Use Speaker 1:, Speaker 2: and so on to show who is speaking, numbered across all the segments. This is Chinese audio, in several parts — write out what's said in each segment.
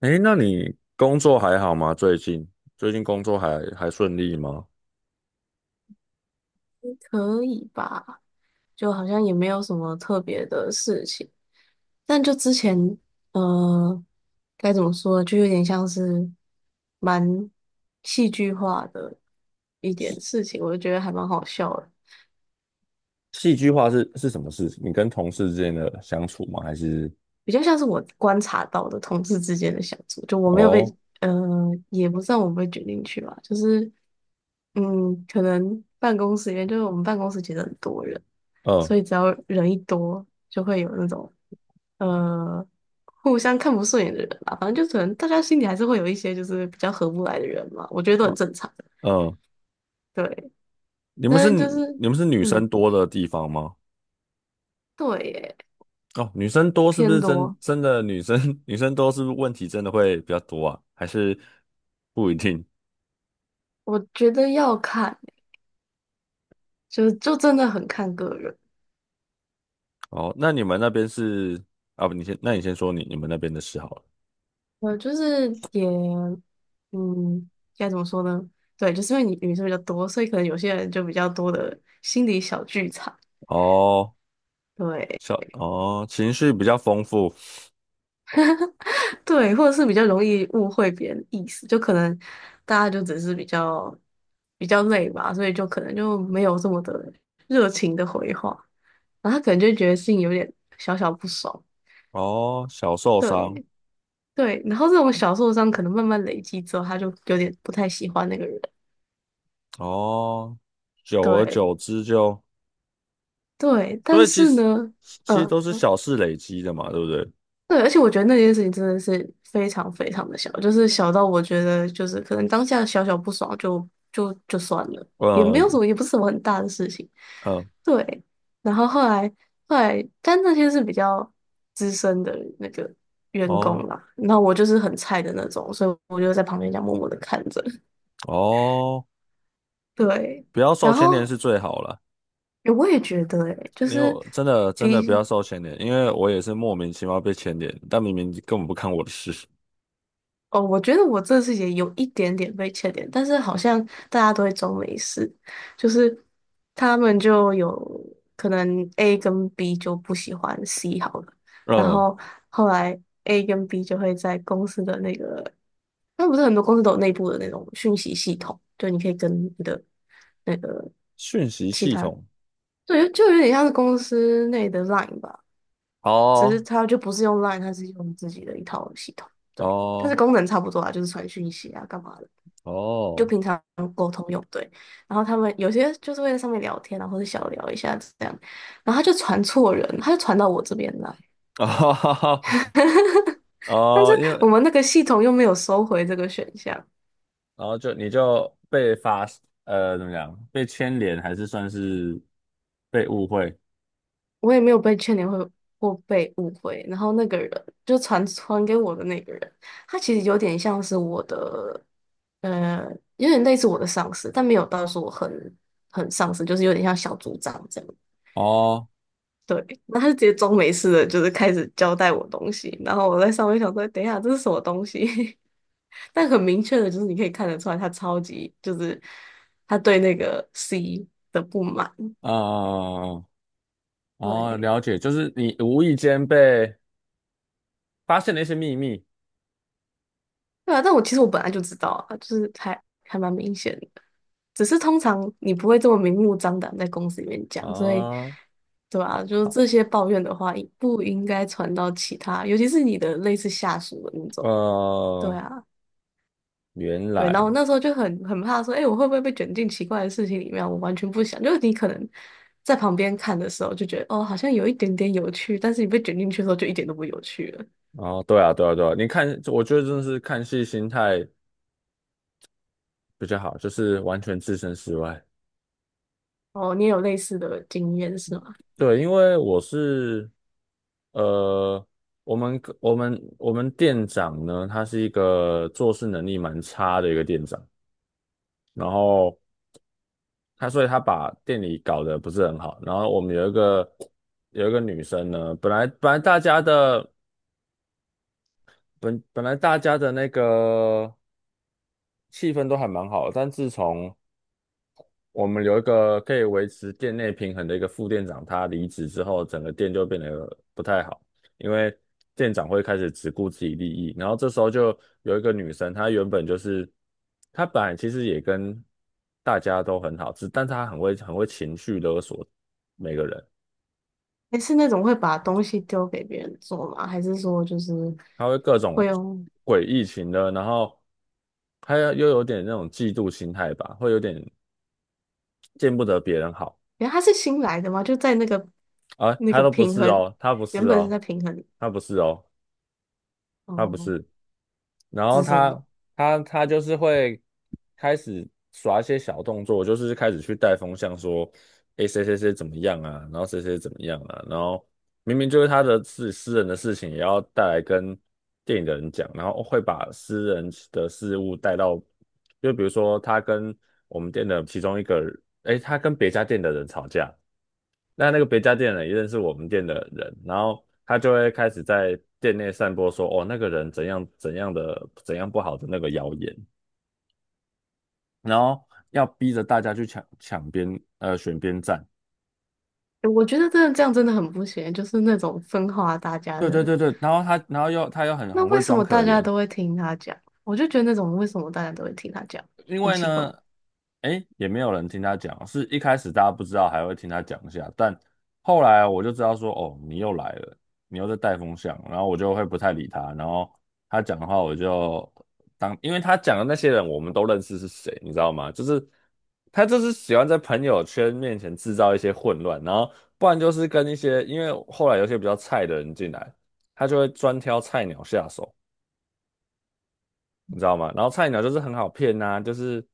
Speaker 1: 诶，那你工作还好吗？最近工作还顺利吗？
Speaker 2: 可以吧？就好像也没有什么特别的事情，但就之前，呃，该怎么说，就有点像是蛮戏剧化的一点事情，我就觉得还蛮好笑的，
Speaker 1: 戏剧化是什么事？情？你跟同事之间的相处吗？还是
Speaker 2: 比较像是我观察到的同志之间的相处，就我没有被，
Speaker 1: 哦，
Speaker 2: 呃，也不算我被卷进去吧，就是，嗯，可能办公室里面，就是我们办公室其实很多人。
Speaker 1: 嗯。
Speaker 2: 所以只要人一多，就会有那种呃互相看不顺眼的人吧。反正就可能大家心里还是会有一些就是比较合不来的人嘛，我觉得都很
Speaker 1: 哦。
Speaker 2: 正常。
Speaker 1: 嗯。
Speaker 2: 对，
Speaker 1: 你们
Speaker 2: 但
Speaker 1: 是
Speaker 2: 是就是
Speaker 1: 你们是女
Speaker 2: 嗯，
Speaker 1: 生多的地方吗？
Speaker 2: 对耶，
Speaker 1: 哦，女生多是不
Speaker 2: 偏
Speaker 1: 是真
Speaker 2: 多，
Speaker 1: 真的女生 女生多是不是问题真的会比较多啊？还是不一定？
Speaker 2: 我觉得要看，就真的很看个人。
Speaker 1: 哦，那你们那边是啊不，你先那你先说你们那边的事好了。
Speaker 2: 呃，就是也嗯，该怎么说呢？对，就是因为你女生比较多，所以可能有些人就比较多的心理小剧场。
Speaker 1: 哦，
Speaker 2: 对，
Speaker 1: 小哦，情绪比较丰富。
Speaker 2: 对，或者是比较容易误会别人意思，就可能大家就只是比较累吧，所以就可能就没有这么的热情的回话，然后他可能就觉得心里有点小小不爽。
Speaker 1: 哦，小受伤。
Speaker 2: 对对，然后这种小受伤可能慢慢累积之后，他就有点不太喜欢那个人。
Speaker 1: 哦，久而
Speaker 2: 对
Speaker 1: 久之就，
Speaker 2: 对，
Speaker 1: 所
Speaker 2: 但
Speaker 1: 以其
Speaker 2: 是
Speaker 1: 实
Speaker 2: 呢，
Speaker 1: 其实
Speaker 2: 嗯。
Speaker 1: 都是小事累积的嘛，对不对？
Speaker 2: 对，而且我觉得那件事情真的是非常非常的小，就是小到我觉得就是可能当下小小不爽就算了，也没
Speaker 1: 呃
Speaker 2: 有什么，也不是什么很大的事情。
Speaker 1: 呃，
Speaker 2: 对，然后后来，但那些是比较资深的那个员
Speaker 1: 哦。
Speaker 2: 工啦，那我就是很菜的那种，所以我就在旁边这样默默的看着。
Speaker 1: 哦，
Speaker 2: 对，
Speaker 1: 不要受
Speaker 2: 然
Speaker 1: 牵连
Speaker 2: 后
Speaker 1: 是最好了。
Speaker 2: 我也觉得、欸，就
Speaker 1: 因为
Speaker 2: 是
Speaker 1: 我真的
Speaker 2: 比
Speaker 1: 不要受牵连，因为我也是莫名其妙被牵连，但明明根本不看我的事。
Speaker 2: 哦，我觉得我这次也有一点点被欠点，但是好像大家都会装没事，就是他们就有可能 A 跟 B 就不喜欢 C 好了，然
Speaker 1: 嗯，
Speaker 2: 后后来 A 跟 B 就会在公司的那个，那不是很多公司都有内部的那种讯息系统，就你可以跟你的那个
Speaker 1: 讯息
Speaker 2: 其
Speaker 1: 系
Speaker 2: 他，
Speaker 1: 统。
Speaker 2: 对，就有点像是公司内的 Line 吧。只是
Speaker 1: 哦。
Speaker 2: 它就不是用 Line,它是用自己的一套系统，对，但是
Speaker 1: 哦。
Speaker 2: 功能差不多啊，就是传讯息啊，干嘛的，就
Speaker 1: 哦。
Speaker 2: 平常沟通用，对。然后他们有些就是会在上面聊天啊，或者小聊一下这样，然后他就传错人，他就传到我这边来，
Speaker 1: 哦。
Speaker 2: 但是
Speaker 1: 哦，因
Speaker 2: 我
Speaker 1: 为
Speaker 2: 们那个系统又没有收回这个选项，
Speaker 1: 然后就你就被发，怎么讲？被牵连还是算是被误会？
Speaker 2: 我也没有被劝勉会或被误会。然后那个人就传给我的那个人，他其实有点像是我的，呃，有点类似我的上司，但没有到说我很上司，就是有点像小组长这样。
Speaker 1: 哦，
Speaker 2: 对，那他就直接装没事的，就是开始交代我东西。然后我在上面想说，等一下这是什么东西？但很明确的就是，你可以看得出来，他超级就是他对那个 C 的不满。
Speaker 1: 嗯，哦，
Speaker 2: 对，
Speaker 1: 了解，就是你无意间被发现了一些秘密
Speaker 2: 对啊，但我其实我本来就知道啊，就是还蛮明显的，只是通常你不会这么明目张胆在公司里面讲，所以
Speaker 1: 啊，
Speaker 2: 对吧？就
Speaker 1: 好，
Speaker 2: 是这些抱怨的话，不应该传到其他，尤其是你的类似下属的那种。对
Speaker 1: 呃，
Speaker 2: 啊，
Speaker 1: 原
Speaker 2: 对，然
Speaker 1: 来，
Speaker 2: 后我那时候就很怕说，哎、我会不会被卷进奇怪的事情里面啊我完全不想，就是你可能在旁边看的时候就觉得，哦，好像有一点点有趣，但是你被卷进去的时候就一点都不有趣了。
Speaker 1: 哦，对啊，对啊，对啊，你看，我觉得真的是看戏心态比较好，就是完全置身事外。
Speaker 2: 哦，你也有类似的经验是吗？
Speaker 1: 对，因为我是呃，我们店长呢，他是一个做事能力蛮差的一个店长，然后他所以他把店里搞得不是很好。然后我们有一个女生呢，本来大家的本来大家的那个气氛都还蛮好，但自从我们有一个可以维持店内平衡的一个副店长，他离职之后，整个店就变得不太好。因为店长会开始只顾自己利益。然后这时候就有一个女生，她原本就是她本来其实也跟大家都很好，只但她很会情绪勒索每个人。
Speaker 2: 你是那种会把东西丢给别人做吗？还是说就是
Speaker 1: 她会各种
Speaker 2: 会用？
Speaker 1: 诡异情的，然后她又有点那种嫉妒心态吧，会有点见不得别人好。
Speaker 2: 哎，他是新来的嘛，就在那个
Speaker 1: 啊，
Speaker 2: 那
Speaker 1: 她
Speaker 2: 个
Speaker 1: 都不
Speaker 2: 平
Speaker 1: 是
Speaker 2: 衡，
Speaker 1: 哦，她不
Speaker 2: 原
Speaker 1: 是
Speaker 2: 本是
Speaker 1: 哦，
Speaker 2: 在平衡
Speaker 1: 她不是哦，他不
Speaker 2: 哦
Speaker 1: 是，然后
Speaker 2: 自身的。
Speaker 1: 他就是会开始耍一些小动作，就是开始去带风向说，诶，谁谁谁怎么样啊，然后谁谁怎么样啊，然后明明就是他的自私人的事情，也要带来跟电影的人讲，然后会把私人的事物带到，就比如说他跟我们店的其中一个，诶，他跟别家店的人吵架。那那个别家店的人也认识我们店的人，然后他就会开始在店内散播说，哦，那个人怎样怎样的怎样不好的那个谣言，然后要逼着大家去抢抢边呃选边站。
Speaker 2: 诶我觉得真的这样真的很不行，就是那种分化大家
Speaker 1: 对对
Speaker 2: 的。
Speaker 1: 对对，然后他又很
Speaker 2: 那
Speaker 1: 很
Speaker 2: 为
Speaker 1: 会
Speaker 2: 什
Speaker 1: 装
Speaker 2: 么
Speaker 1: 可
Speaker 2: 大家
Speaker 1: 怜。
Speaker 2: 都会听他讲？我就觉得那种为什么大家都会听他讲，
Speaker 1: 因
Speaker 2: 很
Speaker 1: 为
Speaker 2: 奇怪。
Speaker 1: 呢，哎，也没有人听他讲，是一开始大家不知道，还会听他讲一下，但后来我就知道说，哦，你又来了，你又在带风向，然后我就会不太理他，然后他讲的话我就当，因为他讲的那些人我们都认识是谁，你知道吗？就是他就是喜欢在朋友圈面前制造一些混乱，然后不然就是跟一些，因为后来有些比较菜的人进来，他就会专挑菜鸟下手，你知道吗？然后菜鸟就是很好骗呐、就是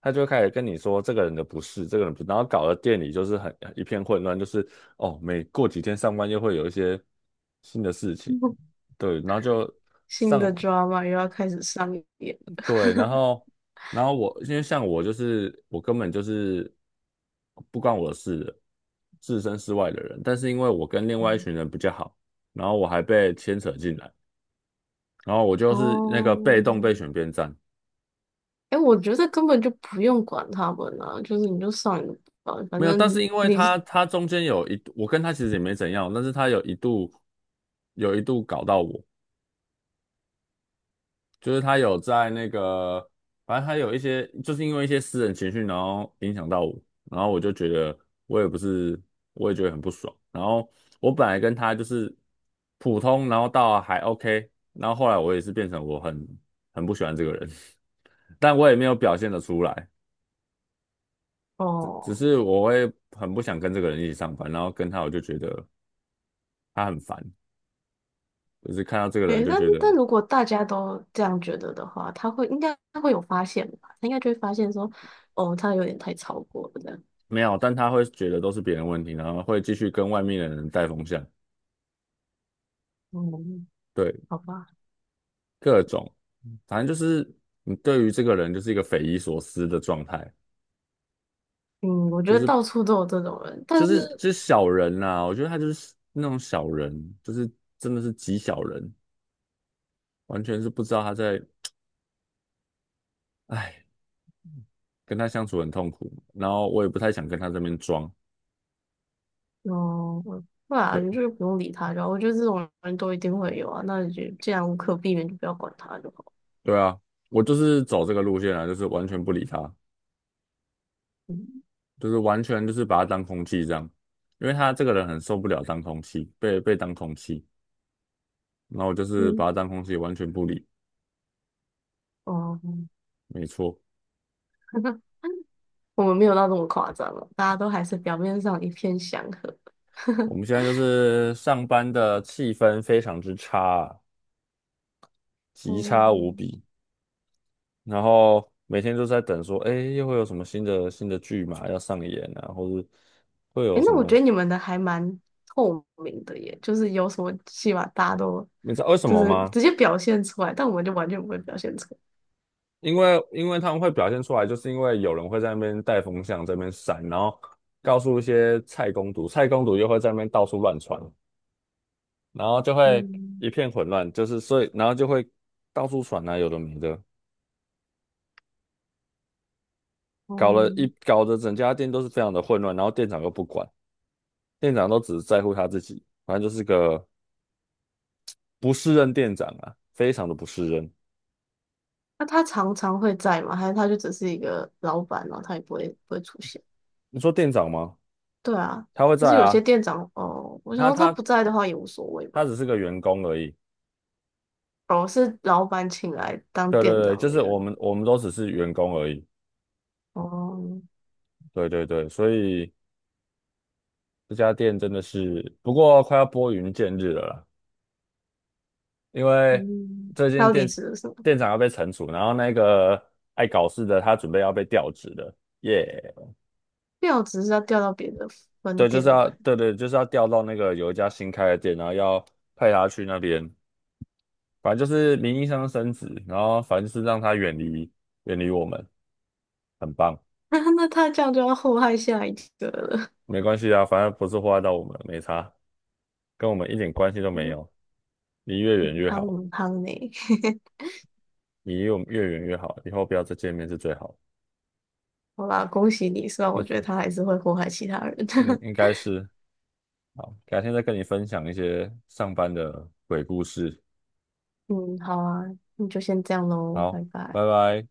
Speaker 1: 他就会开始跟你说这个人的不是，这个人不是，然后搞得店里就是很一片混乱，就是哦，每过几天上班又会有一些新的事情。对，然后就
Speaker 2: 新
Speaker 1: 上，
Speaker 2: 的 drama 又要开始上演了。
Speaker 1: 对，然后然后我因为像我就是我根本就是不关我的事的，置身事外的人，但是因为我跟另外一群人 比较好，然后我还被牵扯进来，然后我就是那个被动被
Speaker 2: 哦，
Speaker 1: 选边站。
Speaker 2: 哎，我觉得根本就不用管他们啊，就是你就上你的班反
Speaker 1: 没有，
Speaker 2: 正
Speaker 1: 但是因为
Speaker 2: 你
Speaker 1: 他他中间有一，我跟他其实也没怎样，但是他有一度搞到我，就是他有在那个，反正他有一些，就是因为一些私人情绪，然后影响到我，然后我就觉得我也不是，我也觉得很不爽。然后我本来跟他就是普通，然后到还 OK,然后后来我也是变成我很不喜欢这个人。但我也没有表现得出来，只
Speaker 2: 哦，
Speaker 1: 是我会很不想跟这个人一起上班，然后跟他我就觉得他很烦。就是看到这个人
Speaker 2: 哎，
Speaker 1: 就
Speaker 2: 但
Speaker 1: 觉得
Speaker 2: 但如果大家都这样觉得的话，他会应该他会有发现吧？他应该就会发现说，哦，他有点太超过了这样。
Speaker 1: 没有，但他会觉得都是别人问题，然后会继续跟外面的人带风向。
Speaker 2: 嗯，
Speaker 1: 对，
Speaker 2: 好吧，
Speaker 1: 各种，反正就是你对于这个人就是一个匪夷所思的状态。
Speaker 2: 嗯，我觉得到处都有这种人，但
Speaker 1: 就是
Speaker 2: 是
Speaker 1: 就是小人啦、我觉得他就是那种小人，就是真的是极小人，完全是不知道他在，哎，跟他相处很痛苦，然后我也不太想跟他这边装。
Speaker 2: 哦，我对啊，
Speaker 1: 对，
Speaker 2: 你就是不用理他就好。我觉得这种人都一定会有啊，那你就既然无可避免，就不要管他就好。
Speaker 1: 对啊，我就是走这个路线啊，就是完全不理他，
Speaker 2: 嗯
Speaker 1: 就是完全就是把他当空气这样，因为他这个人很受不了当空气，被当空气，然后我就是把
Speaker 2: 嗯，
Speaker 1: 他当空气，完全不理。
Speaker 2: 哦。
Speaker 1: 没错。
Speaker 2: 我们没有到这么夸张了，大家都还是表面上一片祥和。
Speaker 1: 我们现 在就是上班的气氛非常之差啊极差无
Speaker 2: 嗯，
Speaker 1: 比。然后每天都在等说，哎，又会有什么新的剧嘛要上演啊，或是会有
Speaker 2: 诶，
Speaker 1: 什
Speaker 2: 那我
Speaker 1: 么，
Speaker 2: 觉得你们的还蛮透明的耶，就是有什么戏码大家都
Speaker 1: 你知道为什
Speaker 2: 就
Speaker 1: 么
Speaker 2: 是
Speaker 1: 吗？
Speaker 2: 直接表现出来，但我们就完全不会表现出来。
Speaker 1: 因为他们会表现出来，就是因为有人会在那边带风向，在那边闪，然后告诉一些菜公主，菜公主又会在那边到处乱传，然后就会
Speaker 2: 嗯
Speaker 1: 一片混乱，就是所以然后就会到处传啊，有的没的，搞了一
Speaker 2: 嗯，
Speaker 1: 搞得整家店都是非常的混乱，然后店长又不管，店长都只在乎他自己，反正就是个不是任店长啊，非常的不是任。
Speaker 2: 那他常常会在吗？还是他就只是一个老板，然后他也不会不会出现？
Speaker 1: 你说店长吗？
Speaker 2: 对啊，
Speaker 1: 他会
Speaker 2: 可是
Speaker 1: 在
Speaker 2: 有些
Speaker 1: 啊，
Speaker 2: 店长哦，我想
Speaker 1: 他
Speaker 2: 说他
Speaker 1: 他
Speaker 2: 不在的话也无所谓
Speaker 1: 他
Speaker 2: 吧。
Speaker 1: 只是个员工而已。
Speaker 2: 哦，是老板请来当
Speaker 1: 对对
Speaker 2: 店
Speaker 1: 对，
Speaker 2: 长
Speaker 1: 就
Speaker 2: 的
Speaker 1: 是
Speaker 2: 员
Speaker 1: 我
Speaker 2: 工。
Speaker 1: 们我们都只是员工而已。
Speaker 2: 哦，
Speaker 1: 对对对，所以这家店真的是，不过快要拨云见日了啦，因为
Speaker 2: 嗯，
Speaker 1: 最
Speaker 2: 他
Speaker 1: 近
Speaker 2: 要离
Speaker 1: 店
Speaker 2: 职了是吗？
Speaker 1: 店长要被惩处，然后那个爱搞事的他准备要被调职的，耶、
Speaker 2: 调职是要调到别的分
Speaker 1: 对，就是
Speaker 2: 店吗？
Speaker 1: 要，对对，就是要调到那个有一家新开的店，然后要派他去那边，反正就是名义上升职，然后反正就是让他远离我们，很棒。
Speaker 2: 那他这样就要祸害下一个了。
Speaker 1: 没关系啊，反正不是祸害到我们，没差，跟我们一点关系都没
Speaker 2: 嗯，
Speaker 1: 有，离越远
Speaker 2: 嗯
Speaker 1: 越
Speaker 2: 汤
Speaker 1: 好。
Speaker 2: 嗯汤呢？
Speaker 1: 离我们越远越好，以后不要再见面是最好。
Speaker 2: 好啦，恭喜你，虽然我觉得他还是会祸害其他人。
Speaker 1: 嗯，应 该是。好，改天再跟你分享一些上班的鬼故事。
Speaker 2: 嗯，好啊，那就先这样喽，
Speaker 1: 好，
Speaker 2: 拜拜。
Speaker 1: 拜拜。